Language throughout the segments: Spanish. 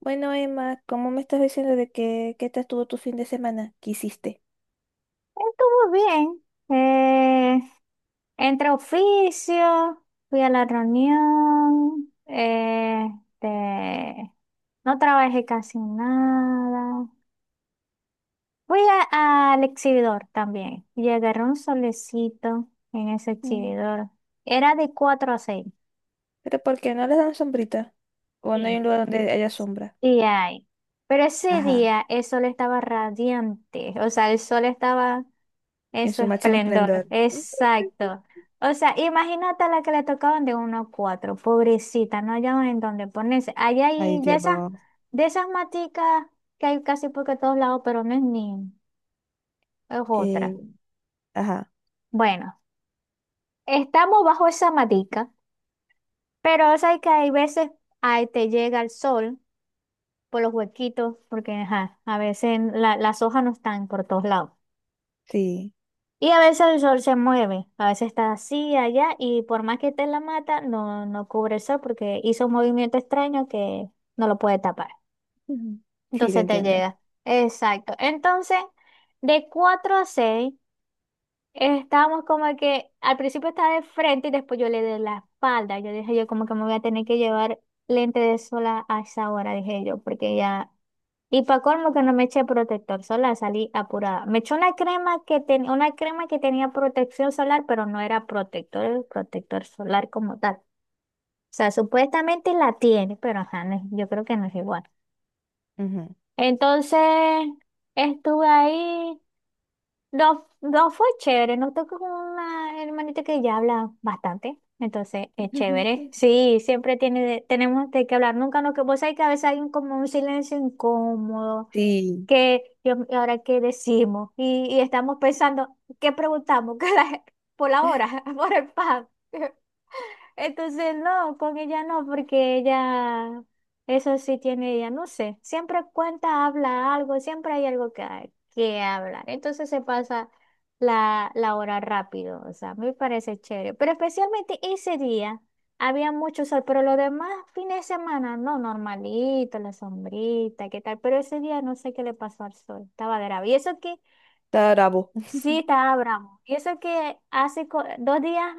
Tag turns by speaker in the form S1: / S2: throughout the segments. S1: Bueno, Emma, ¿cómo me estás diciendo de que, qué tal estuvo tu fin de semana? ¿Qué hiciste?
S2: Estuvo bien. Eh, entre oficios, fui a la reunión, este, no trabajé casi nada. Fui al exhibidor también y agarré un solecito en ese
S1: Mm.
S2: exhibidor. Era de 4 a 6.
S1: ¿Pero por qué no les dan sombrita? ¿O no hay
S2: Sí.
S1: un lugar donde haya sombra,
S2: Sí hay. Pero ese
S1: ajá,
S2: día el sol estaba radiante, o sea, el sol estaba.
S1: en
S2: Eso
S1: su máximo
S2: esplendor,
S1: esplendor?
S2: exacto. O sea, imagínate a la que le tocaban de 1 a 4, pobrecita, no hallaban en dónde ponerse. Allá
S1: Ay,
S2: hay
S1: Dios.
S2: de esas maticas que hay casi por que todos lados, pero no es ni, es otra.
S1: Eh, ajá,
S2: Bueno, estamos bajo esa matica, pero o sea, que hay veces ahí te llega el sol por los huequitos, porque ajá, a veces las hojas no están por todos lados.
S1: sí.
S2: Y a veces el sol se mueve, a veces está así, allá, y por más que esté en la mata, no, no cubre el sol porque hizo un movimiento extraño que no lo puede tapar.
S1: Ujú. Sí, te
S2: Entonces te
S1: entiendo.
S2: llega. Exacto. Entonces, de 4 a 6 estábamos como que al principio estaba de frente y después yo le di la espalda. Yo dije, yo como que me voy a tener que llevar lente de sol a esa hora, dije yo, porque ya y para colmo que no me eché protector solar, salí apurada. Me eché una crema que tenía una crema que tenía protección solar, pero no era protector solar como tal. O sea, supuestamente la tiene, pero ajá, no es- yo creo que no es igual.
S1: Ujú.
S2: Entonces, estuve ahí. No, no fue chévere, no tocó con una hermanita que ya habla bastante. Entonces, es chévere. Sí, siempre tiene, tenemos de qué hablar. Nunca nos que vos sabés que a veces hay un, como un silencio incómodo
S1: Sí,
S2: que Dios mío, ahora qué decimos y estamos pensando, ¿qué preguntamos? ¿Qué por la hora, por el pan? Entonces, no, con ella no, porque ella, eso sí tiene ella, no sé, siempre cuenta, habla algo, siempre hay algo que, que hablar. Entonces se pasa la hora rápido, o sea, me parece chévere. Pero especialmente ese día había mucho sol, pero los demás fines de semana, no, normalito, la sombrita, qué tal, pero ese día no sé qué le pasó al sol, estaba grave. Y eso que
S1: está bravo.
S2: sí estaba bravo, y eso que hace 2 días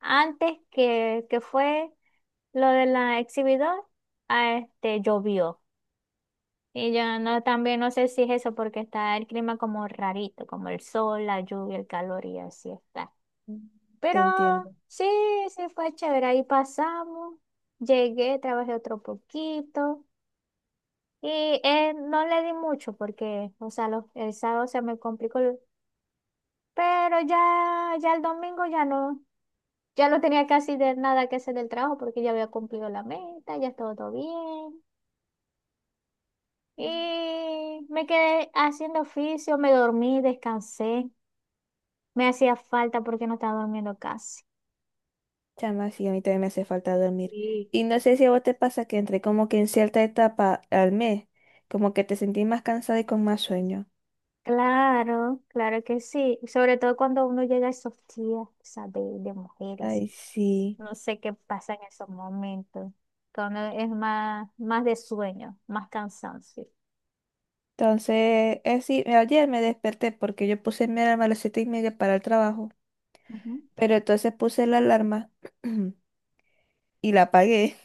S2: antes que fue. Lo de la exhibidor, ah, este, llovió. Y yo no, también no sé si es eso, porque está el clima como rarito, como el sol, la lluvia, el calor y así está.
S1: Te
S2: Pero
S1: entiendo.
S2: sí, sí fue chévere. Ahí pasamos, llegué, trabajé otro poquito y no le di mucho porque, o sea, el sábado se me complicó, pero ya, ya el domingo ya no, ya no tenía casi de nada que hacer del trabajo porque ya había cumplido la meta, ya estaba todo bien. Y me quedé haciendo oficio, me dormí, descansé. Me hacía falta porque no estaba durmiendo casi.
S1: Chama, sí, a mí también me hace falta dormir.
S2: Sí.
S1: Y no sé si a vos te pasa que entre como que en cierta etapa al mes, como que te sentís más cansada y con más sueño.
S2: Claro, claro que sí. Sobre todo cuando uno llega a esos días, ¿sabes? De mujeres.
S1: Ay, sí.
S2: No sé qué pasa en esos momentos. Cuando es más, más de sueño, más cansancio.
S1: Entonces, es sí, ayer me desperté porque yo puse mi alarma a las 7:30 para el trabajo,
S2: Ujú.
S1: pero entonces puse la alarma y la apagué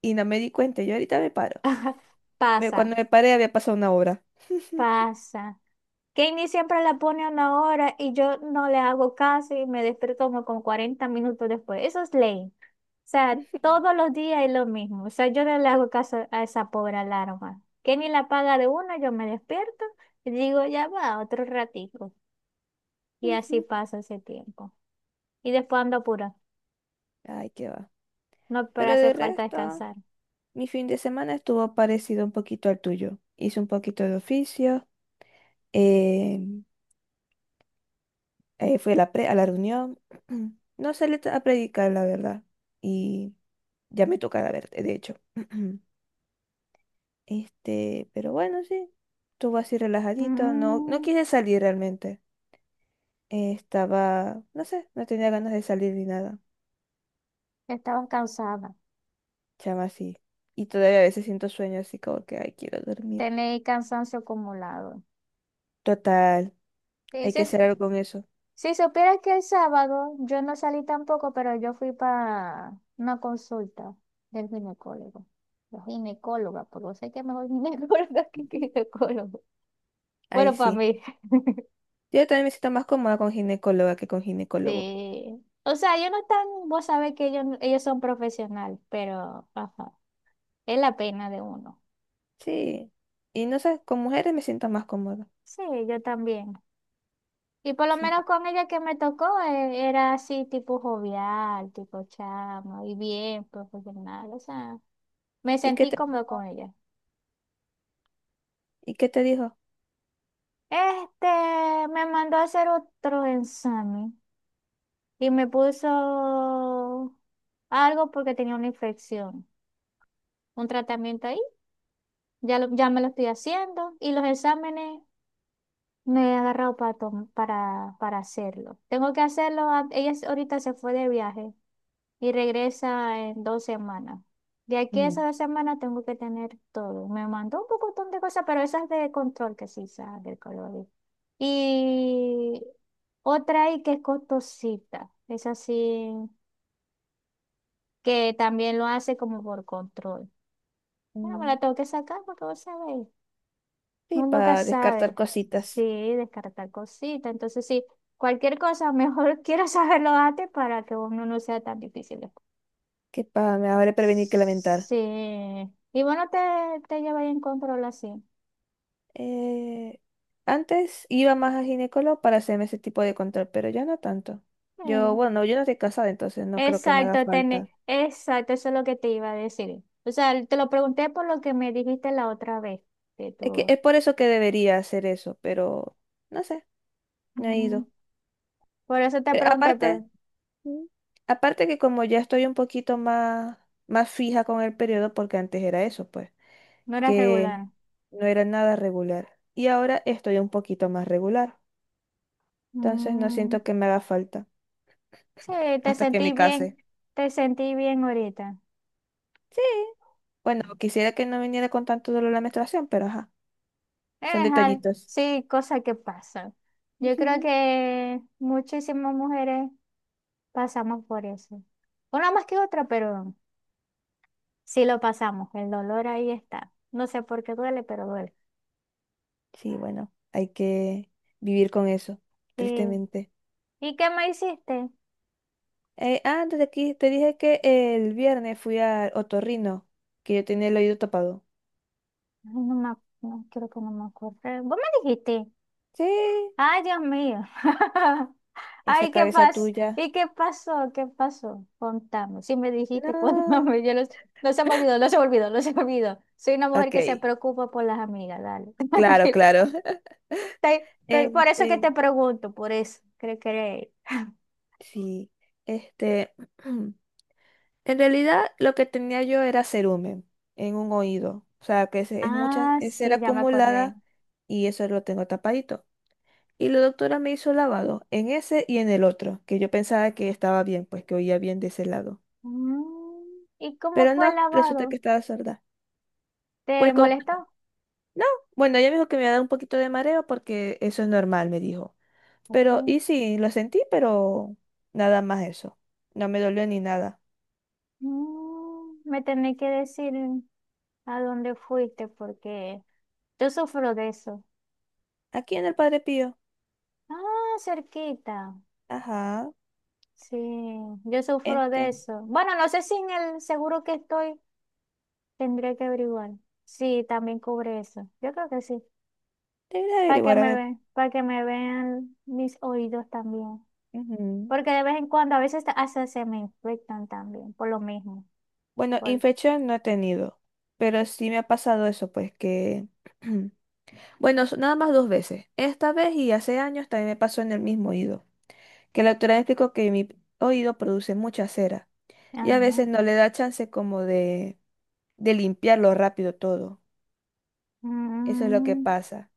S1: y no me di cuenta. Yo ahorita me paro.
S2: Pasa,
S1: Cuando me paré había pasado una hora.
S2: pasa. Kenny siempre la pone a una hora y yo no le hago caso y me despierto como con 40 minutos después. Eso es ley. O sea, todos los días es lo mismo. O sea, yo no le hago caso a esa pobre alarma. Que ni la paga de una, yo me despierto y digo, ya va, otro ratito. Y
S1: Ujú, ujú.
S2: así pasa ese tiempo. Y después ando apura.
S1: Ay, qué va.
S2: No, pero
S1: Pero
S2: hace
S1: de
S2: falta
S1: resto...
S2: descansar.
S1: Mi fin de semana estuvo parecido un poquito al tuyo. Hice un poquito de oficio, eh, fui a la, a la reunión. No salí a predicar, la verdad. Y ya me toca verte, de hecho. Pero bueno, sí. Estuvo así relajadito. No, no
S2: Mm,
S1: quise salir realmente. Estaba, no sé, no tenía ganas de salir ni nada.
S2: estabas cansada.
S1: Chama así. Y todavía a veces siento sueño así como que, ay, quiero dormir.
S2: Tenéis cansancio acumulado.
S1: Total,
S2: Sí,
S1: hay
S2: sí,
S1: que hacer algo con eso.
S2: si supieras que el sábado yo no salí tampoco, pero yo fui para una consulta del ginecólogo. La ginecóloga, porque yo sé que mejor ginecóloga que ginecólogo.
S1: Ahí
S2: Bueno, para
S1: sí.
S2: mí,
S1: Yo también me siento más cómoda con ginecóloga que con ginecólogo.
S2: sí. O sea, yo no están, vos sabés que ellos son profesionales, pero ajá, es la pena de uno.
S1: Sí. Y no sé, con mujeres me siento más cómoda.
S2: Sí, yo también. Y por lo
S1: Sí.
S2: menos con ella que me tocó, era así tipo jovial, tipo chamo, y bien profesional. O sea, me
S1: ¿Y qué
S2: sentí
S1: te,
S2: cómodo con ella.
S1: y qué te dijo?
S2: Este me mandó a hacer otro examen y me puso algo porque tenía una infección, un tratamiento ahí. Ya, ya me lo estoy haciendo y los exámenes me he agarrado para, para hacerlo. Tengo que hacerlo. Ella ahorita se fue de viaje y regresa en 2 semanas. De aquí a
S1: Mm,
S2: esas 2 semanas tengo que tener todo. Me mandó un pocotón de cosas, pero esas de control que sí sabe del color. Y otra ahí que es costosita. Es así, que también lo hace como por control. Bueno, me
S1: mm.
S2: la tengo que sacar porque vos sabéis.
S1: Sí,
S2: Uno nunca
S1: para descartar
S2: sabe. Sí,
S1: cositas,
S2: descartar cositas. Entonces, sí, cualquier cosa, mejor quiero saberlo antes para que uno no sea tan difícil.
S1: que para me habré prevenir que lamentar.
S2: Sí. Y bueno, te lleváis en control así.
S1: Eh, Antes iba más a ginecólogo para hacerme ese tipo de control, pero ya no tanto.
S2: Eh,
S1: Yo no estoy casada, entonces no creo que me haga
S2: Exacto,
S1: falta.
S2: exacto, eso es lo que te iba a decir. O sea, te lo pregunté por lo que me dijiste la otra vez, que
S1: Es que
S2: tú.
S1: es por eso que debería hacer eso, pero no sé, no he
S2: Mm,
S1: ido.
S2: por eso te
S1: Pero
S2: pregunté,
S1: aparte,
S2: pero
S1: mm. Aparte que como ya estoy un poquito más fija con el periodo, porque antes era eso, pues,
S2: no eras
S1: que
S2: regular.
S1: no era nada regular. Y ahora estoy un poquito más regular. Entonces no
S2: Mm,
S1: siento que me haga falta
S2: sí, te
S1: hasta que
S2: sentí
S1: me
S2: bien,
S1: case.
S2: te sentí bien ahorita.
S1: Sí. Bueno, quisiera que no viniera con tanto dolor la menstruación, pero ajá,
S2: Es
S1: son detallitos.
S2: sí, cosas que pasan. Yo creo
S1: Ujú.
S2: que muchísimas mujeres pasamos por eso. Una más que otra, pero. Sí lo pasamos, el dolor ahí está. No sé por qué duele, pero duele.
S1: Sí, bueno, hay que vivir con eso,
S2: Sí.
S1: tristemente.
S2: ¿Y qué me hiciste? Ay,
S1: Antes de aquí te dije que el viernes fui al otorrino, que yo tenía el oído tapado.
S2: no me, no, creo que no me acuerdo. ¿Vos me dijiste?
S1: Sí.
S2: Ay, Dios mío.
S1: Esa
S2: Ay, ¿qué
S1: cabeza
S2: pasó?
S1: tuya.
S2: ¿Y qué pasó? ¿Qué pasó? Contame. Si me dijiste,
S1: No.
S2: contame. Yo no, no se me olvidó, no se me olvidó, no se me olvidó. Soy una mujer
S1: Ok,
S2: que se preocupa por las amigas, dale.
S1: claro,
S2: Tranquila.
S1: claro.
S2: Por eso que
S1: Este,
S2: te pregunto, por eso. Creo que...
S1: sí, este, en realidad lo que tenía yo era cerumen en un oído. O sea, que es, mucha,
S2: Ah,
S1: es ser
S2: sí, ya me acordé.
S1: acumulada y eso lo tengo tapadito. Y la doctora me hizo lavado en ese y en el otro, que yo pensaba que estaba bien, pues que oía bien de ese lado.
S2: Mm, ¿y cómo
S1: Pero
S2: fue el
S1: no, resulta
S2: lavado?
S1: que estaba sorda.
S2: ¿Te
S1: Pues con...
S2: molestó?
S1: No, bueno, ella me dijo que me iba a dar un poquito de mareo porque eso es normal, me dijo. Pero,
S2: Así.
S1: y sí, lo sentí, pero nada más eso. No me dolió ni nada.
S2: Mm, me tenés que decir a dónde fuiste porque yo sufro de eso.
S1: Aquí en el Padre Pío.
S2: Ah, cerquita.
S1: Ajá.
S2: Sí, yo sufro de
S1: Entonces,
S2: eso. Bueno, no sé si en el seguro que estoy tendré que averiguar. Sí, también cubre eso. Yo creo que sí.
S1: debería
S2: Para que
S1: averiguar, a
S2: me
S1: ver.
S2: vean, para que me vean mis oídos también.
S1: Ujú.
S2: Porque de vez en cuando a veces hasta se me infectan también por lo mismo.
S1: Bueno,
S2: Por...
S1: infección no he tenido. Pero sí me ha pasado eso, pues que. Bueno, nada más dos veces. Esta vez y hace años también me pasó en el mismo oído. Que la doctora me explicó que mi oído produce mucha cera. Y a veces
S2: Ajá.
S1: no le da chance como de limpiarlo rápido todo. Eso es lo que
S2: Mm,
S1: pasa.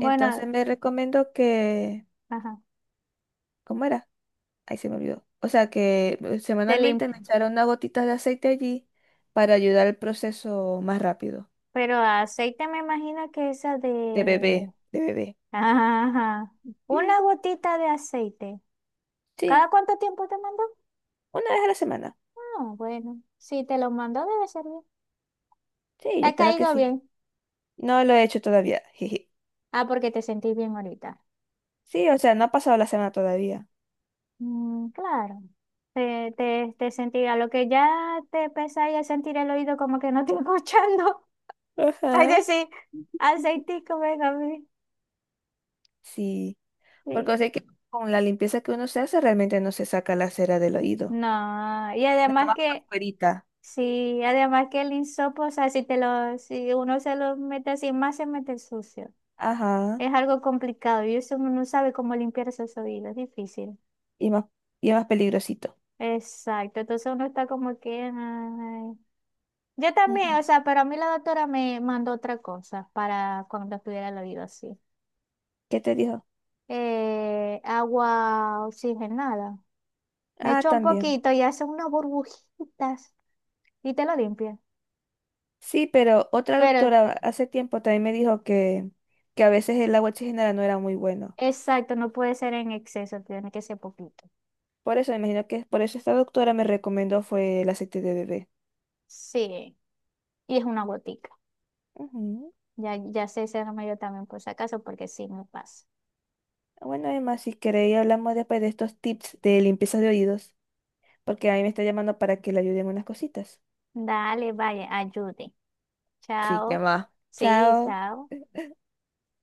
S1: Entonces me recomendó que,
S2: ajá,
S1: ¿cómo era? Ahí se me olvidó. O sea, que
S2: te lim-
S1: semanalmente me echara unas gotitas de aceite allí para ayudar al proceso más rápido
S2: pero aceite me imagino que esa de...
S1: de bebé, de bebé.
S2: Ajá,
S1: Mm,
S2: una gotita de aceite.
S1: sí,
S2: ¿Cada cuánto tiempo te mandó?
S1: una vez a la semana.
S2: Ah, bueno, si te lo mandó debe ser bien.
S1: Sí,
S2: ¿Te
S1: yo
S2: ha
S1: espero que
S2: caído
S1: sí.
S2: bien?
S1: No lo he hecho todavía. Jeje.
S2: Ah, porque te sentí bien ahorita.
S1: Sí, o sea, no ha pasado la semana todavía.
S2: Mm, claro. Te sentirá lo que ya te pesa y a sentir el oído como que no estoy escuchando. Es
S1: Ajá.
S2: decir,
S1: Ujú.
S2: aceitico, venga, a mí.
S1: Sí,
S2: Sí.
S1: porque sé que con la limpieza que uno se hace realmente no se saca la cera del oído.
S2: No, y
S1: Nada
S2: además
S1: más por
S2: que
S1: fuerita.
S2: sí, además que el insopo, o sea, si te lo, si uno se lo mete así, más se mete el sucio.
S1: Ajá.
S2: Es algo complicado y eso uno no sabe cómo limpiar esos oídos, es difícil.
S1: Y más, y es más peligrosito.
S2: Exacto, entonces uno está como que... ay. Yo también,
S1: Ujú.
S2: o sea, pero a mí la doctora me mandó otra cosa para cuando estuviera el oído así.
S1: ¿Qué te dijo?
S2: Agua oxigenada. Me
S1: Ah,
S2: echó un
S1: también.
S2: poquito y hace unas burbujitas y te lo limpia.
S1: Sí, pero otra
S2: Pero,
S1: doctora hace tiempo también me dijo que a veces el agua oxigenada no era muy bueno.
S2: exacto, no puede ser en exceso, tiene que ser poquito.
S1: Por eso, me imagino que es por eso esta doctora me recomendó fue el aceite de bebé.
S2: Sí, y es una gotica.
S1: Ujú.
S2: Ya sé ese remedio también por si acaso, porque sí me pasa.
S1: Bueno, además, si queréis hablamos después de estos tips de limpieza de oídos, porque a mí me está llamando para que le ayuden unas cositas.
S2: Dale, vaya, ayude.
S1: Sí, que
S2: Chao.
S1: va.
S2: Sí,
S1: Chao.
S2: chao.